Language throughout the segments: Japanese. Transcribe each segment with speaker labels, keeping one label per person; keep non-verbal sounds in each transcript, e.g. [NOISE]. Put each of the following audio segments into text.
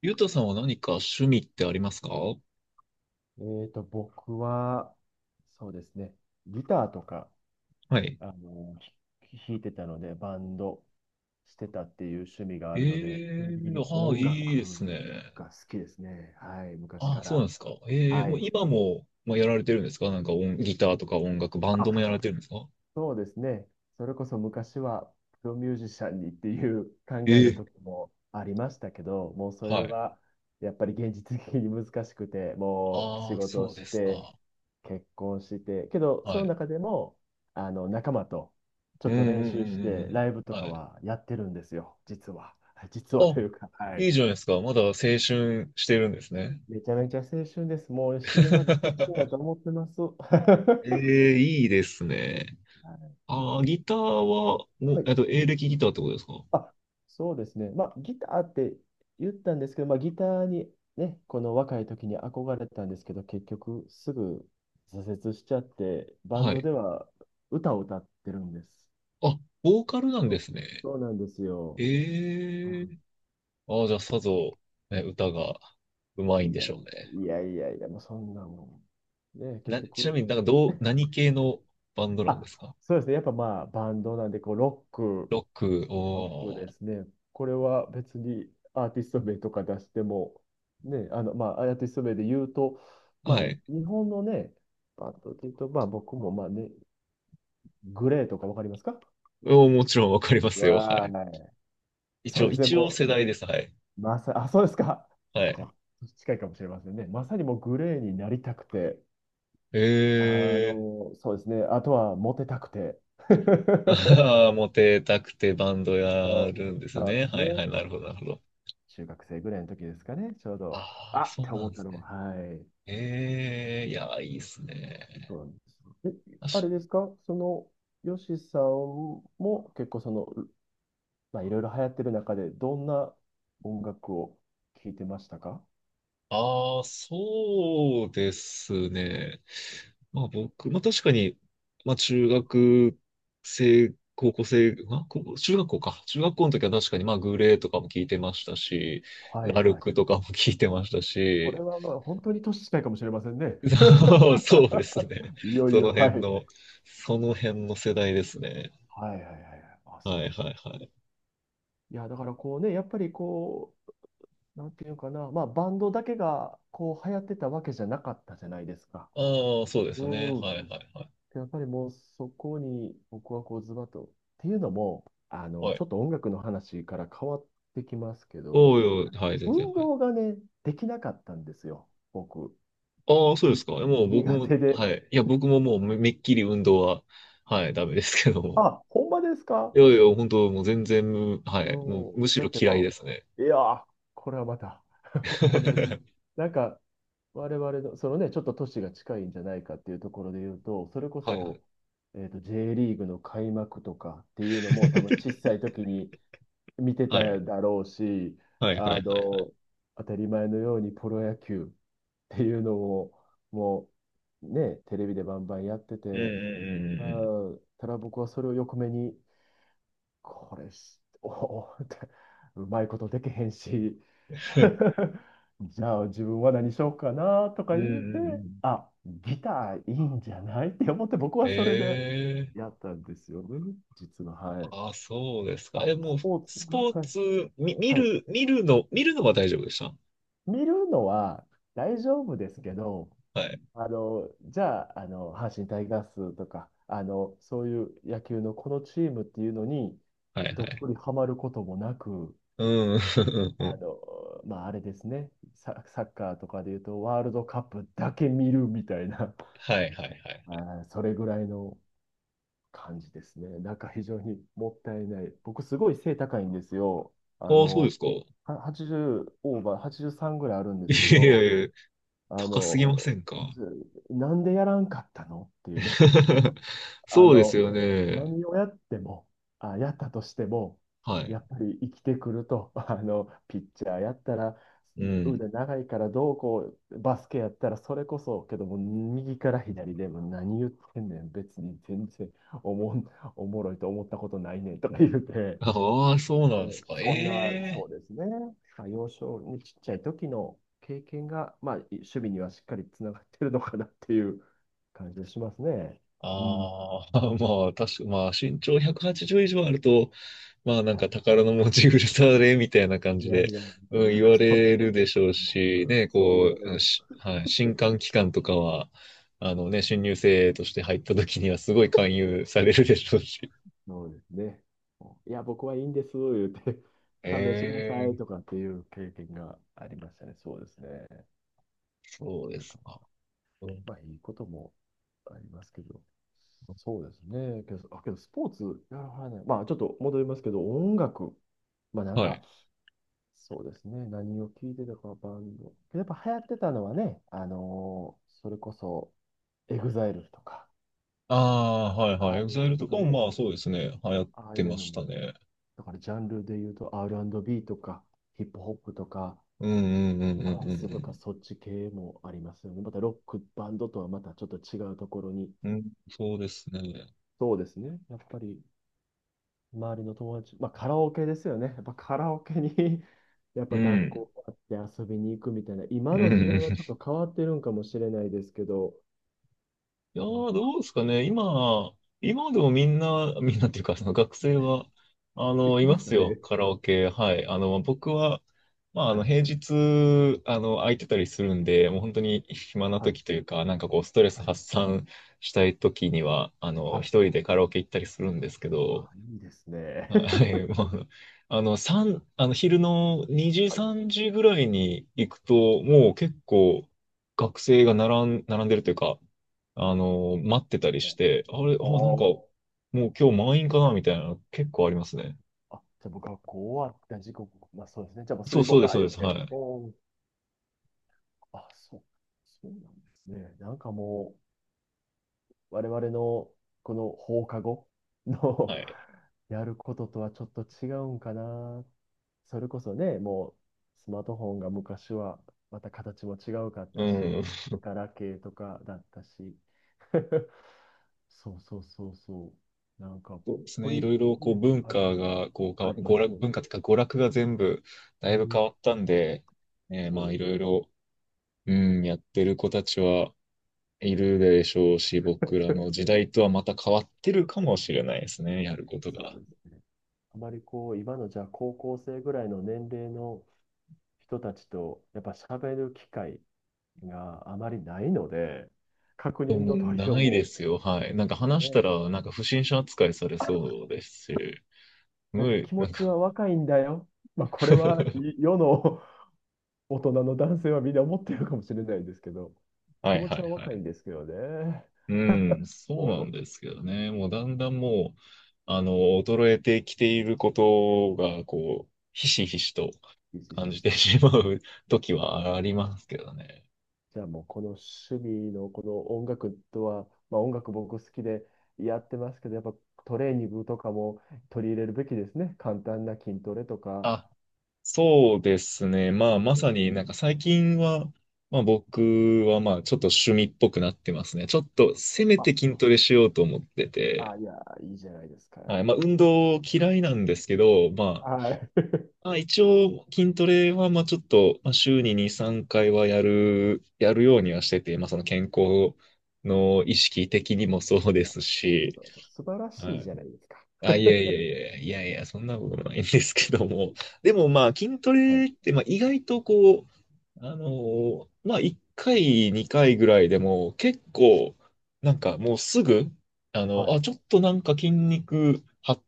Speaker 1: ゆうたさんは何か趣味ってありますか？は
Speaker 2: え僕は、そうですね、ギターとか、
Speaker 1: い。
Speaker 2: あの、弾いてたので、バンドしてたっていう趣味があ
Speaker 1: え
Speaker 2: るので、基本
Speaker 1: え、
Speaker 2: 的に
Speaker 1: ああ、
Speaker 2: 音
Speaker 1: いいで
Speaker 2: 楽
Speaker 1: すね。
Speaker 2: が好きですね。はい、昔
Speaker 1: あ
Speaker 2: か
Speaker 1: あ、そうなん
Speaker 2: ら。
Speaker 1: ですか。ええ、
Speaker 2: は
Speaker 1: もう
Speaker 2: い。
Speaker 1: 今も、まあ、やられてるんですか？なんか音、ギターとか音楽、バンド
Speaker 2: あ、
Speaker 1: もやられてるんですか？
Speaker 2: そうですね。それこそ昔はプロミュージシャンにっていう考
Speaker 1: え
Speaker 2: えの
Speaker 1: え、
Speaker 2: 時もありましたけど、もうそれ
Speaker 1: はい。
Speaker 2: はやっぱり現実的に難しくて、もう仕
Speaker 1: ああ、
Speaker 2: 事を
Speaker 1: そうで
Speaker 2: し
Speaker 1: す
Speaker 2: て、
Speaker 1: か。
Speaker 2: 結婚して、けどそ
Speaker 1: は
Speaker 2: の
Speaker 1: い。
Speaker 2: 中でもあの仲間とちょ
Speaker 1: う
Speaker 2: っと
Speaker 1: んうん
Speaker 2: 練
Speaker 1: う
Speaker 2: 習し
Speaker 1: んうんう
Speaker 2: て
Speaker 1: ん。
Speaker 2: ライブと
Speaker 1: は
Speaker 2: か
Speaker 1: い。
Speaker 2: はやってるんですよ、実は。[LAUGHS] 実は
Speaker 1: あ、
Speaker 2: というか、は
Speaker 1: い
Speaker 2: い。
Speaker 1: いじゃないですか。まだ青春してるんですね。
Speaker 2: めちゃめちゃ青春です。もう死ぬまで青春だと
Speaker 1: [LAUGHS]
Speaker 2: 思ってます。[LAUGHS]
Speaker 1: ええ、いいですね。
Speaker 2: は
Speaker 1: ああ、ギターは、もう、
Speaker 2: い。
Speaker 1: エレキギターってことですか？
Speaker 2: あ、そうですね。まあ、ギターって言ったんですけど、まあ、ギターにね、この若い時に憧れたんですけど、結局すぐ挫折しちゃって、バン
Speaker 1: は
Speaker 2: ド
Speaker 1: い。
Speaker 2: では歌を歌ってるんです。
Speaker 1: あ、ボーカルなん
Speaker 2: そ
Speaker 1: で
Speaker 2: う、
Speaker 1: すね。
Speaker 2: そうなんですよ。は
Speaker 1: ええ、
Speaker 2: い、
Speaker 1: ああ、じゃあ、さぞ、ね、歌がうまいん
Speaker 2: い
Speaker 1: で
Speaker 2: やい
Speaker 1: しょうね。
Speaker 2: やいやいやいや、もうそんなもん。ね、結
Speaker 1: ちな
Speaker 2: 局、
Speaker 1: みになんかどう、何系のバンドなんで
Speaker 2: あ、
Speaker 1: すか？
Speaker 2: そうですね。やっぱまあ、バンドなんで、こう、ロック
Speaker 1: ロック、
Speaker 2: ロック
Speaker 1: お
Speaker 2: で
Speaker 1: ー、
Speaker 2: すね。これは別にアーティスト名とか出しても、ね、まあ、アーティスト名で言うと、ま
Speaker 1: は
Speaker 2: あ、
Speaker 1: い。
Speaker 2: 日本のね、バンドで言うと、まあ、僕も、まあね、グレーとかわかりますか？
Speaker 1: おー、もちろんわかりますよ。は
Speaker 2: わ
Speaker 1: い。
Speaker 2: ーい。
Speaker 1: 一
Speaker 2: そう
Speaker 1: 応、
Speaker 2: ですね、
Speaker 1: 一応
Speaker 2: も
Speaker 1: 世
Speaker 2: う、
Speaker 1: 代です。はい。
Speaker 2: そうですか。
Speaker 1: は
Speaker 2: じ
Speaker 1: い。
Speaker 2: ゃあ近いかもしれませんね。まさにもうグレーになりたくて、あ
Speaker 1: ええ、
Speaker 2: そうですね、あとはモテたくて。[LAUGHS]
Speaker 1: ああー、[LAUGHS] モテたくてバンド
Speaker 2: そ
Speaker 1: や
Speaker 2: う、
Speaker 1: るんです
Speaker 2: そう
Speaker 1: ね。
Speaker 2: です
Speaker 1: はいは
Speaker 2: ね。
Speaker 1: い、なるほど、なるほど。
Speaker 2: 中学生ぐらいの時ですかね、ちょうど、
Speaker 1: あ
Speaker 2: あ
Speaker 1: あ、
Speaker 2: っ
Speaker 1: そう
Speaker 2: て
Speaker 1: な
Speaker 2: 思
Speaker 1: ん
Speaker 2: っ
Speaker 1: で
Speaker 2: た
Speaker 1: す
Speaker 2: のも、
Speaker 1: ね。
Speaker 2: はい。
Speaker 1: ええ、いや、いいっすね。
Speaker 2: そうなんですよ。あれですか、ヨシさんも結構まあ、いろいろ流行ってる中で、どんな音楽を聴いてましたか？
Speaker 1: ああ、そうですね。まあ僕、まあ確かに、まあ中学生、高校生、まあ高校中学校か。中学校の時は確かにまあグレーとかも聞いてましたし、
Speaker 2: はい
Speaker 1: ラル
Speaker 2: はい。
Speaker 1: クとかも [LAUGHS] 聞いてました
Speaker 2: これ
Speaker 1: し、
Speaker 2: はまあ本当に年近いかもしれませんね。
Speaker 1: [LAUGHS] そうですね。
Speaker 2: いよい
Speaker 1: その
Speaker 2: よ、
Speaker 1: 辺
Speaker 2: はい。
Speaker 1: の、その辺の世代ですね。
Speaker 2: はいはいはいはい。あ、そ
Speaker 1: は
Speaker 2: う
Speaker 1: い
Speaker 2: です。
Speaker 1: はいはい。
Speaker 2: いや、だからこうね、やっぱりこう、なんていうかな、まあ、バンドだけがこう流行ってたわけじゃなかったじゃないですか。
Speaker 1: ああ、そうです
Speaker 2: う
Speaker 1: よね。はい
Speaker 2: ん。
Speaker 1: はいはい。
Speaker 2: やっぱりもうそこに僕はこうズバッと。っていうのも、
Speaker 1: は
Speaker 2: ちょ
Speaker 1: い。
Speaker 2: っと音楽の話から変わってきますけ
Speaker 1: お
Speaker 2: ど、
Speaker 1: おい、はい、全然。
Speaker 2: 運
Speaker 1: はい。
Speaker 2: 動がね、できなかったんですよ、僕。
Speaker 1: ああ、そうで
Speaker 2: に
Speaker 1: すか。もう僕
Speaker 2: 苦
Speaker 1: も、
Speaker 2: 手で。
Speaker 1: はい。いや、僕ももうめっきり運動は、はい、ダメですけども。
Speaker 2: あ、ほんまです
Speaker 1: い
Speaker 2: か？
Speaker 1: やいや、本当もう全然、は
Speaker 2: う
Speaker 1: い。もう、
Speaker 2: ん。
Speaker 1: むし
Speaker 2: だっ
Speaker 1: ろ
Speaker 2: て
Speaker 1: 嫌い
Speaker 2: ま
Speaker 1: ですね。
Speaker 2: あ、いやー、これはまた [LAUGHS] 同じ。
Speaker 1: [LAUGHS]
Speaker 2: なんか、我々の、そのね、ちょっと都市が近いんじゃないかっていうところで言うと、それこ
Speaker 1: はいはい。
Speaker 2: そ、J リーグの開幕とかっていうのも、多分小さい
Speaker 1: [LAUGHS]
Speaker 2: 時に、見て
Speaker 1: はい。
Speaker 2: ただろうし、
Speaker 1: はいはいは
Speaker 2: あ
Speaker 1: いはい。
Speaker 2: の、当たり前のようにプロ野球 [LAUGHS] っていうのも、もうね、テレビでバンバンやって
Speaker 1: うんう
Speaker 2: て、
Speaker 1: ん
Speaker 2: うん、ただ僕はそれを横目に、これし、おおって、うまいことできへんし、
Speaker 1: うんうん。[LAUGHS]
Speaker 2: [LAUGHS] じゃあ自分は何しようかなと
Speaker 1: うん
Speaker 2: か
Speaker 1: う
Speaker 2: 言うて、
Speaker 1: んうん。
Speaker 2: あ、ギターいいんじゃないって思って僕はそれで
Speaker 1: [LAUGHS] ええ、
Speaker 2: やったんですよね、実は。はい。
Speaker 1: ああ、そうですか。
Speaker 2: あ、
Speaker 1: え、も
Speaker 2: ス
Speaker 1: う、
Speaker 2: ポーツ。
Speaker 1: スポー
Speaker 2: はい。
Speaker 1: ツ、み、見
Speaker 2: はい、
Speaker 1: る、見るの、見るのは大丈夫でした。
Speaker 2: 見るのは大丈夫ですけど、
Speaker 1: はい。
Speaker 2: じゃあ、阪神タイガースとか、そういう野球のこのチームっていうのに、
Speaker 1: はいは
Speaker 2: どっ
Speaker 1: い。
Speaker 2: ぷりハマることもなく、
Speaker 1: うん。[LAUGHS]
Speaker 2: まあ、あれですね、サッカーとかでいうと、ワールドカップだけ見るみたいな、
Speaker 1: はいはいは
Speaker 2: [LAUGHS] あ
Speaker 1: い。
Speaker 2: ー、それぐらいの感じですね。なんか非常にもったいない。僕、すごい背高いんですよ。あ
Speaker 1: ああ、そうで
Speaker 2: の、
Speaker 1: すか。い
Speaker 2: は80オーバー、83ぐらいあるんですけ
Speaker 1: やいや
Speaker 2: ど、
Speaker 1: いや。
Speaker 2: あ
Speaker 1: 高すぎませ
Speaker 2: の、
Speaker 1: んか？
Speaker 2: なんでやらんかったのっていうね。
Speaker 1: [LAUGHS]
Speaker 2: あ
Speaker 1: そうです
Speaker 2: の、
Speaker 1: よね。
Speaker 2: 何をやっても、あ、やったとしても、
Speaker 1: はい。
Speaker 2: やっぱり生きてくると、[LAUGHS] ピッチャーやったら、
Speaker 1: うん。
Speaker 2: 腕長いからどうこう、バスケやったらそれこそ、けども、右から左でも何言ってんねん、別に全然おもん、おもろいと思ったことないねんとか言うて、
Speaker 1: ああ、そうな
Speaker 2: う
Speaker 1: んで
Speaker 2: ん、
Speaker 1: すか。え
Speaker 2: そんな、そ
Speaker 1: え、
Speaker 2: うですね。まあ、幼少にちっちゃい時の経験が、まあ、守趣味にはしっかりつながってるのかなっていう感じがしますね。うん。
Speaker 1: ああー、[LAUGHS] まあ、確か、まあ、身長180以上あると、まあ、なんか
Speaker 2: は
Speaker 1: 宝の持ち腐れみたいな感
Speaker 2: い。い
Speaker 1: じ
Speaker 2: や
Speaker 1: で、
Speaker 2: いや、
Speaker 1: うん、言わ
Speaker 2: そう、
Speaker 1: れるでしょう
Speaker 2: う
Speaker 1: し、
Speaker 2: ん、
Speaker 1: ね、
Speaker 2: そう言
Speaker 1: こ
Speaker 2: われ
Speaker 1: う、う
Speaker 2: る。
Speaker 1: んし、はい、新歓期間とかは、あのね、新入生として入った時にはすごい勧誘されるでしょうし。
Speaker 2: そうですね。いや、僕はいいんです、言うて、勘弁してくださ
Speaker 1: ええ、
Speaker 2: いとかっていう経験がありましたね。そうですね。
Speaker 1: そうで
Speaker 2: なんか
Speaker 1: すか。うん、
Speaker 2: まあ、いいこともありますけど。そうですね。けどスポーツやらはらない。まあ、ちょっと戻りますけど、音楽。まあ、なん
Speaker 1: は
Speaker 2: か、
Speaker 1: い。
Speaker 2: そうですね。何を聞いてたか、バンド。やっぱ流行ってたのはね、それこそ、エグザイルとか、
Speaker 1: ああ、はいは
Speaker 2: あ
Speaker 1: い。
Speaker 2: あいう、
Speaker 1: EXILE
Speaker 2: ちょっ
Speaker 1: とか
Speaker 2: と
Speaker 1: も
Speaker 2: ね、
Speaker 1: まあそうですね。流行っ
Speaker 2: ああい
Speaker 1: てま
Speaker 2: うの
Speaker 1: し
Speaker 2: も、
Speaker 1: たね。
Speaker 2: だからジャンルで言うと R&B とか、ヒップホップとか、
Speaker 1: うんうんうん
Speaker 2: ダ
Speaker 1: う
Speaker 2: ンスとか、
Speaker 1: ん
Speaker 2: そっち系もありますよね。またロックバンドとはまたちょっと違うところに。
Speaker 1: うん。うん、そうですね。
Speaker 2: そうですね。やっぱり周りの友達、[LAUGHS] まあカラオケですよね。やっぱカラオケに [LAUGHS] やっ
Speaker 1: う
Speaker 2: ぱ学
Speaker 1: ん。
Speaker 2: 校があって遊びに行くみたいな、
Speaker 1: う
Speaker 2: 今の時代は
Speaker 1: ん。
Speaker 2: ちょっと変わってるんかもしれないですけど、
Speaker 1: いや
Speaker 2: なん
Speaker 1: ー、
Speaker 2: か
Speaker 1: どうですかね。今、今でもみんな、[LAUGHS] みんなっていうか、その学生は、
Speaker 2: 行って
Speaker 1: い
Speaker 2: ま
Speaker 1: ま
Speaker 2: すか
Speaker 1: すよ。
Speaker 2: ね。
Speaker 1: カラオケ。はい。僕は、まあ、
Speaker 2: はい。
Speaker 1: 平日、空いてたりするんで、もう本当に暇な
Speaker 2: はい。
Speaker 1: 時というか、なんかこう、ストレス
Speaker 2: はい。
Speaker 1: 発散したい時には、
Speaker 2: はい。
Speaker 1: 一人でカラオケ行ったりするんですけ
Speaker 2: あ、
Speaker 1: ど、
Speaker 2: いいですね。
Speaker 1: はい、
Speaker 2: [LAUGHS]
Speaker 1: まあ、三あの、昼の2時、
Speaker 2: はい。
Speaker 1: 3時ぐらいに行くと、もう結構学生が並んでるというか、待ってたりして、あれ、
Speaker 2: お
Speaker 1: あ、なんか、
Speaker 2: ー、
Speaker 1: もう今日満員かなみたいな、結構ありますね。
Speaker 2: じゃあ僕はこう終わった時刻、まあそうですね。じゃあもうすぐ行
Speaker 1: そう
Speaker 2: こ
Speaker 1: で
Speaker 2: う
Speaker 1: す、
Speaker 2: か、
Speaker 1: そう
Speaker 2: 言
Speaker 1: で
Speaker 2: っ
Speaker 1: す。は
Speaker 2: て。
Speaker 1: い。
Speaker 2: おー、そう。そうなんですね。なんかもう、我々のこの放課後
Speaker 1: は
Speaker 2: の
Speaker 1: い。
Speaker 2: [LAUGHS] やることとはちょっと違うんかな。それこそね、もうスマートフォンが昔はまた形も違うかっ
Speaker 1: う
Speaker 2: たし、
Speaker 1: ん。
Speaker 2: ガラケーとかだったし。[LAUGHS] そうそうそうそう。なんか、
Speaker 1: そうです
Speaker 2: ポ
Speaker 1: ね。い
Speaker 2: リ、
Speaker 1: ろいろ、こう、
Speaker 2: ね、
Speaker 1: 文
Speaker 2: ありま
Speaker 1: 化
Speaker 2: す。
Speaker 1: が、こう、
Speaker 2: ありま
Speaker 1: 娯
Speaker 2: す
Speaker 1: 楽、
Speaker 2: よね。
Speaker 1: 文化というか、娯楽が全部、
Speaker 2: う
Speaker 1: だいぶ変
Speaker 2: ん、
Speaker 1: わったんで、
Speaker 2: そ
Speaker 1: まあ、
Speaker 2: う
Speaker 1: い
Speaker 2: で
Speaker 1: ろ
Speaker 2: す。
Speaker 1: いろ、うん、やってる子たちは、いるでしょうし、僕らの時代とはまた変わってるかもしれないですね、やることが。
Speaker 2: そうですね。あまりこう、今のじゃあ高校生ぐらいの年齢の人たちと、やっぱ喋る機会があまりないので、確
Speaker 1: で
Speaker 2: 認
Speaker 1: も
Speaker 2: の取りよ
Speaker 1: な
Speaker 2: う
Speaker 1: いで
Speaker 2: も
Speaker 1: すよ、はい。なんか話した
Speaker 2: ね、
Speaker 1: ら、なんか不審者扱いされそうですし、
Speaker 2: なん
Speaker 1: 無
Speaker 2: か
Speaker 1: 理、
Speaker 2: 気持
Speaker 1: なん
Speaker 2: ち
Speaker 1: か
Speaker 2: は若いんだよ。まあ、これは世
Speaker 1: [LAUGHS]
Speaker 2: 世の [LAUGHS] 大人の男性はみんな思ってるかもしれないですけど、
Speaker 1: は
Speaker 2: 気
Speaker 1: い
Speaker 2: 持
Speaker 1: は
Speaker 2: ち
Speaker 1: い
Speaker 2: は
Speaker 1: は
Speaker 2: 若い
Speaker 1: い。
Speaker 2: んですけどね。
Speaker 1: うん、そうなん
Speaker 2: も
Speaker 1: ですけどね、もうだんだんもう、あの、衰えてきていることが、こう、ひしひしと
Speaker 2: う、ひし
Speaker 1: 感
Speaker 2: ひ
Speaker 1: じ
Speaker 2: し
Speaker 1: て
Speaker 2: と。
Speaker 1: しまう時はありますけどね。
Speaker 2: じゃあもうこの趣味のこの音楽とは、まあ音楽僕好きでやってますけど、やっぱトレーニングとかも取り入れるべきですね。簡単な筋トレとか。
Speaker 1: あ、そうですね。まあ、
Speaker 2: う
Speaker 1: まさ
Speaker 2: ん、
Speaker 1: になんか最近は、まあ僕はまあちょっと趣味っぽくなってますね。ちょっとせめ
Speaker 2: あ、
Speaker 1: て筋トレしようと思ってて。
Speaker 2: いや、いいじゃないですか。
Speaker 1: はい。まあ運動嫌いなんですけど、ま
Speaker 2: はい。
Speaker 1: あ、まあ一応筋トレはまあちょっとまあ週に2、3回はやるようにはしてて、まあその健康の意識的にもそう
Speaker 2: い
Speaker 1: で
Speaker 2: や、
Speaker 1: すし、
Speaker 2: 素晴らし
Speaker 1: は
Speaker 2: い
Speaker 1: い。
Speaker 2: じゃないですか。
Speaker 1: あ、いやいやいやいやいや、そんなことないんですけども。でもまあ、筋ト
Speaker 2: はい。
Speaker 1: レって、まあ、意外とこう、まあ、1回、2回ぐらいでも、結構、なんかもうすぐ、
Speaker 2: はい。
Speaker 1: あ、ちょっとなんか筋肉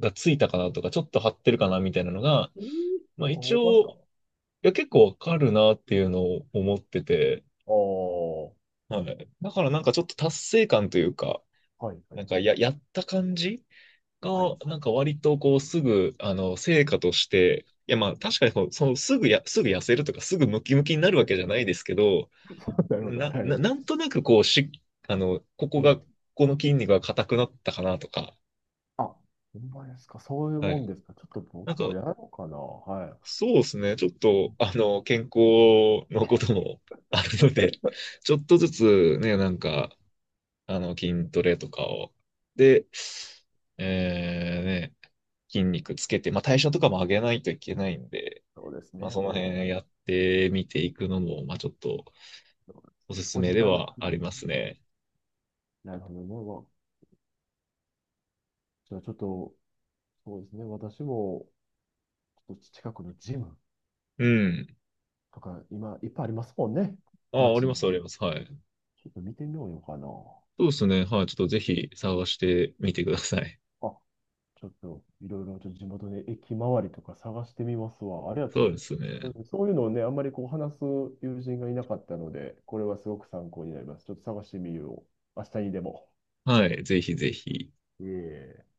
Speaker 1: がついたかなとか、ちょっと張ってるかなみたいなのが、
Speaker 2: えー、
Speaker 1: まあ
Speaker 2: あ、
Speaker 1: 一
Speaker 2: 思います
Speaker 1: 応、
Speaker 2: か？
Speaker 1: いや、結構わかるなっていうのを思ってて、
Speaker 2: ああ、
Speaker 1: はい。だからなんかちょっと達成感というか、
Speaker 2: はいはい。
Speaker 1: なんかやった感じ
Speaker 2: はい。
Speaker 1: が、なんか割とこうすぐ、成果として、いやまあ確かにこうそのすぐすぐ痩せるとかすぐムキムキになるわけじゃないですけど、
Speaker 2: [LAUGHS] なるほど。はい。
Speaker 1: なんとなくこうし、ここ
Speaker 2: うん。
Speaker 1: が、この筋肉が硬くなったかなとか、
Speaker 2: あ、ほんまですか。そういう
Speaker 1: は
Speaker 2: もん
Speaker 1: い。
Speaker 2: ですか。ちょっと
Speaker 1: なん
Speaker 2: 僕も
Speaker 1: か、
Speaker 2: やろうかな。はい。
Speaker 1: そうですね。ちょっと、健康のことも [LAUGHS] あるので、ちょっとずつね、なんか、筋トレとかを、で、ね、筋肉つけて、まあ、代謝とかも上げないといけないんで、
Speaker 2: そうです
Speaker 1: まあ、
Speaker 2: ね。
Speaker 1: その
Speaker 2: もう、
Speaker 1: 辺やってみていくのも、まあ、ちょっと
Speaker 2: そうで
Speaker 1: お
Speaker 2: す
Speaker 1: す
Speaker 2: ね、
Speaker 1: す
Speaker 2: お
Speaker 1: め
Speaker 2: じ
Speaker 1: で
Speaker 2: さんになって
Speaker 1: は
Speaker 2: き
Speaker 1: あ
Speaker 2: ま
Speaker 1: り
Speaker 2: す
Speaker 1: ます
Speaker 2: ね。
Speaker 1: ね。
Speaker 2: なるほどね。じゃあちょっと、そうですね。私も、ちょっと近くのジム
Speaker 1: うん。
Speaker 2: とか、今、いっぱいありますもんね。
Speaker 1: あ、あり
Speaker 2: 街
Speaker 1: ま
Speaker 2: に。
Speaker 1: す、あります。はい。
Speaker 2: ちょっと見てみようかな。
Speaker 1: そうですね。はい。ちょっとぜひ探してみてください。
Speaker 2: あ、ちょっといろいろちょっと地元で駅周りとか探してみますわ。ありが
Speaker 1: そうで
Speaker 2: と
Speaker 1: すね。
Speaker 2: う。うん、そういうのをね、あんまりこう話す友人がいなかったので、これはすごく参考になります。ちょっと探してみよう。明日にでも。
Speaker 1: はい。ぜひぜひ。
Speaker 2: いえいえ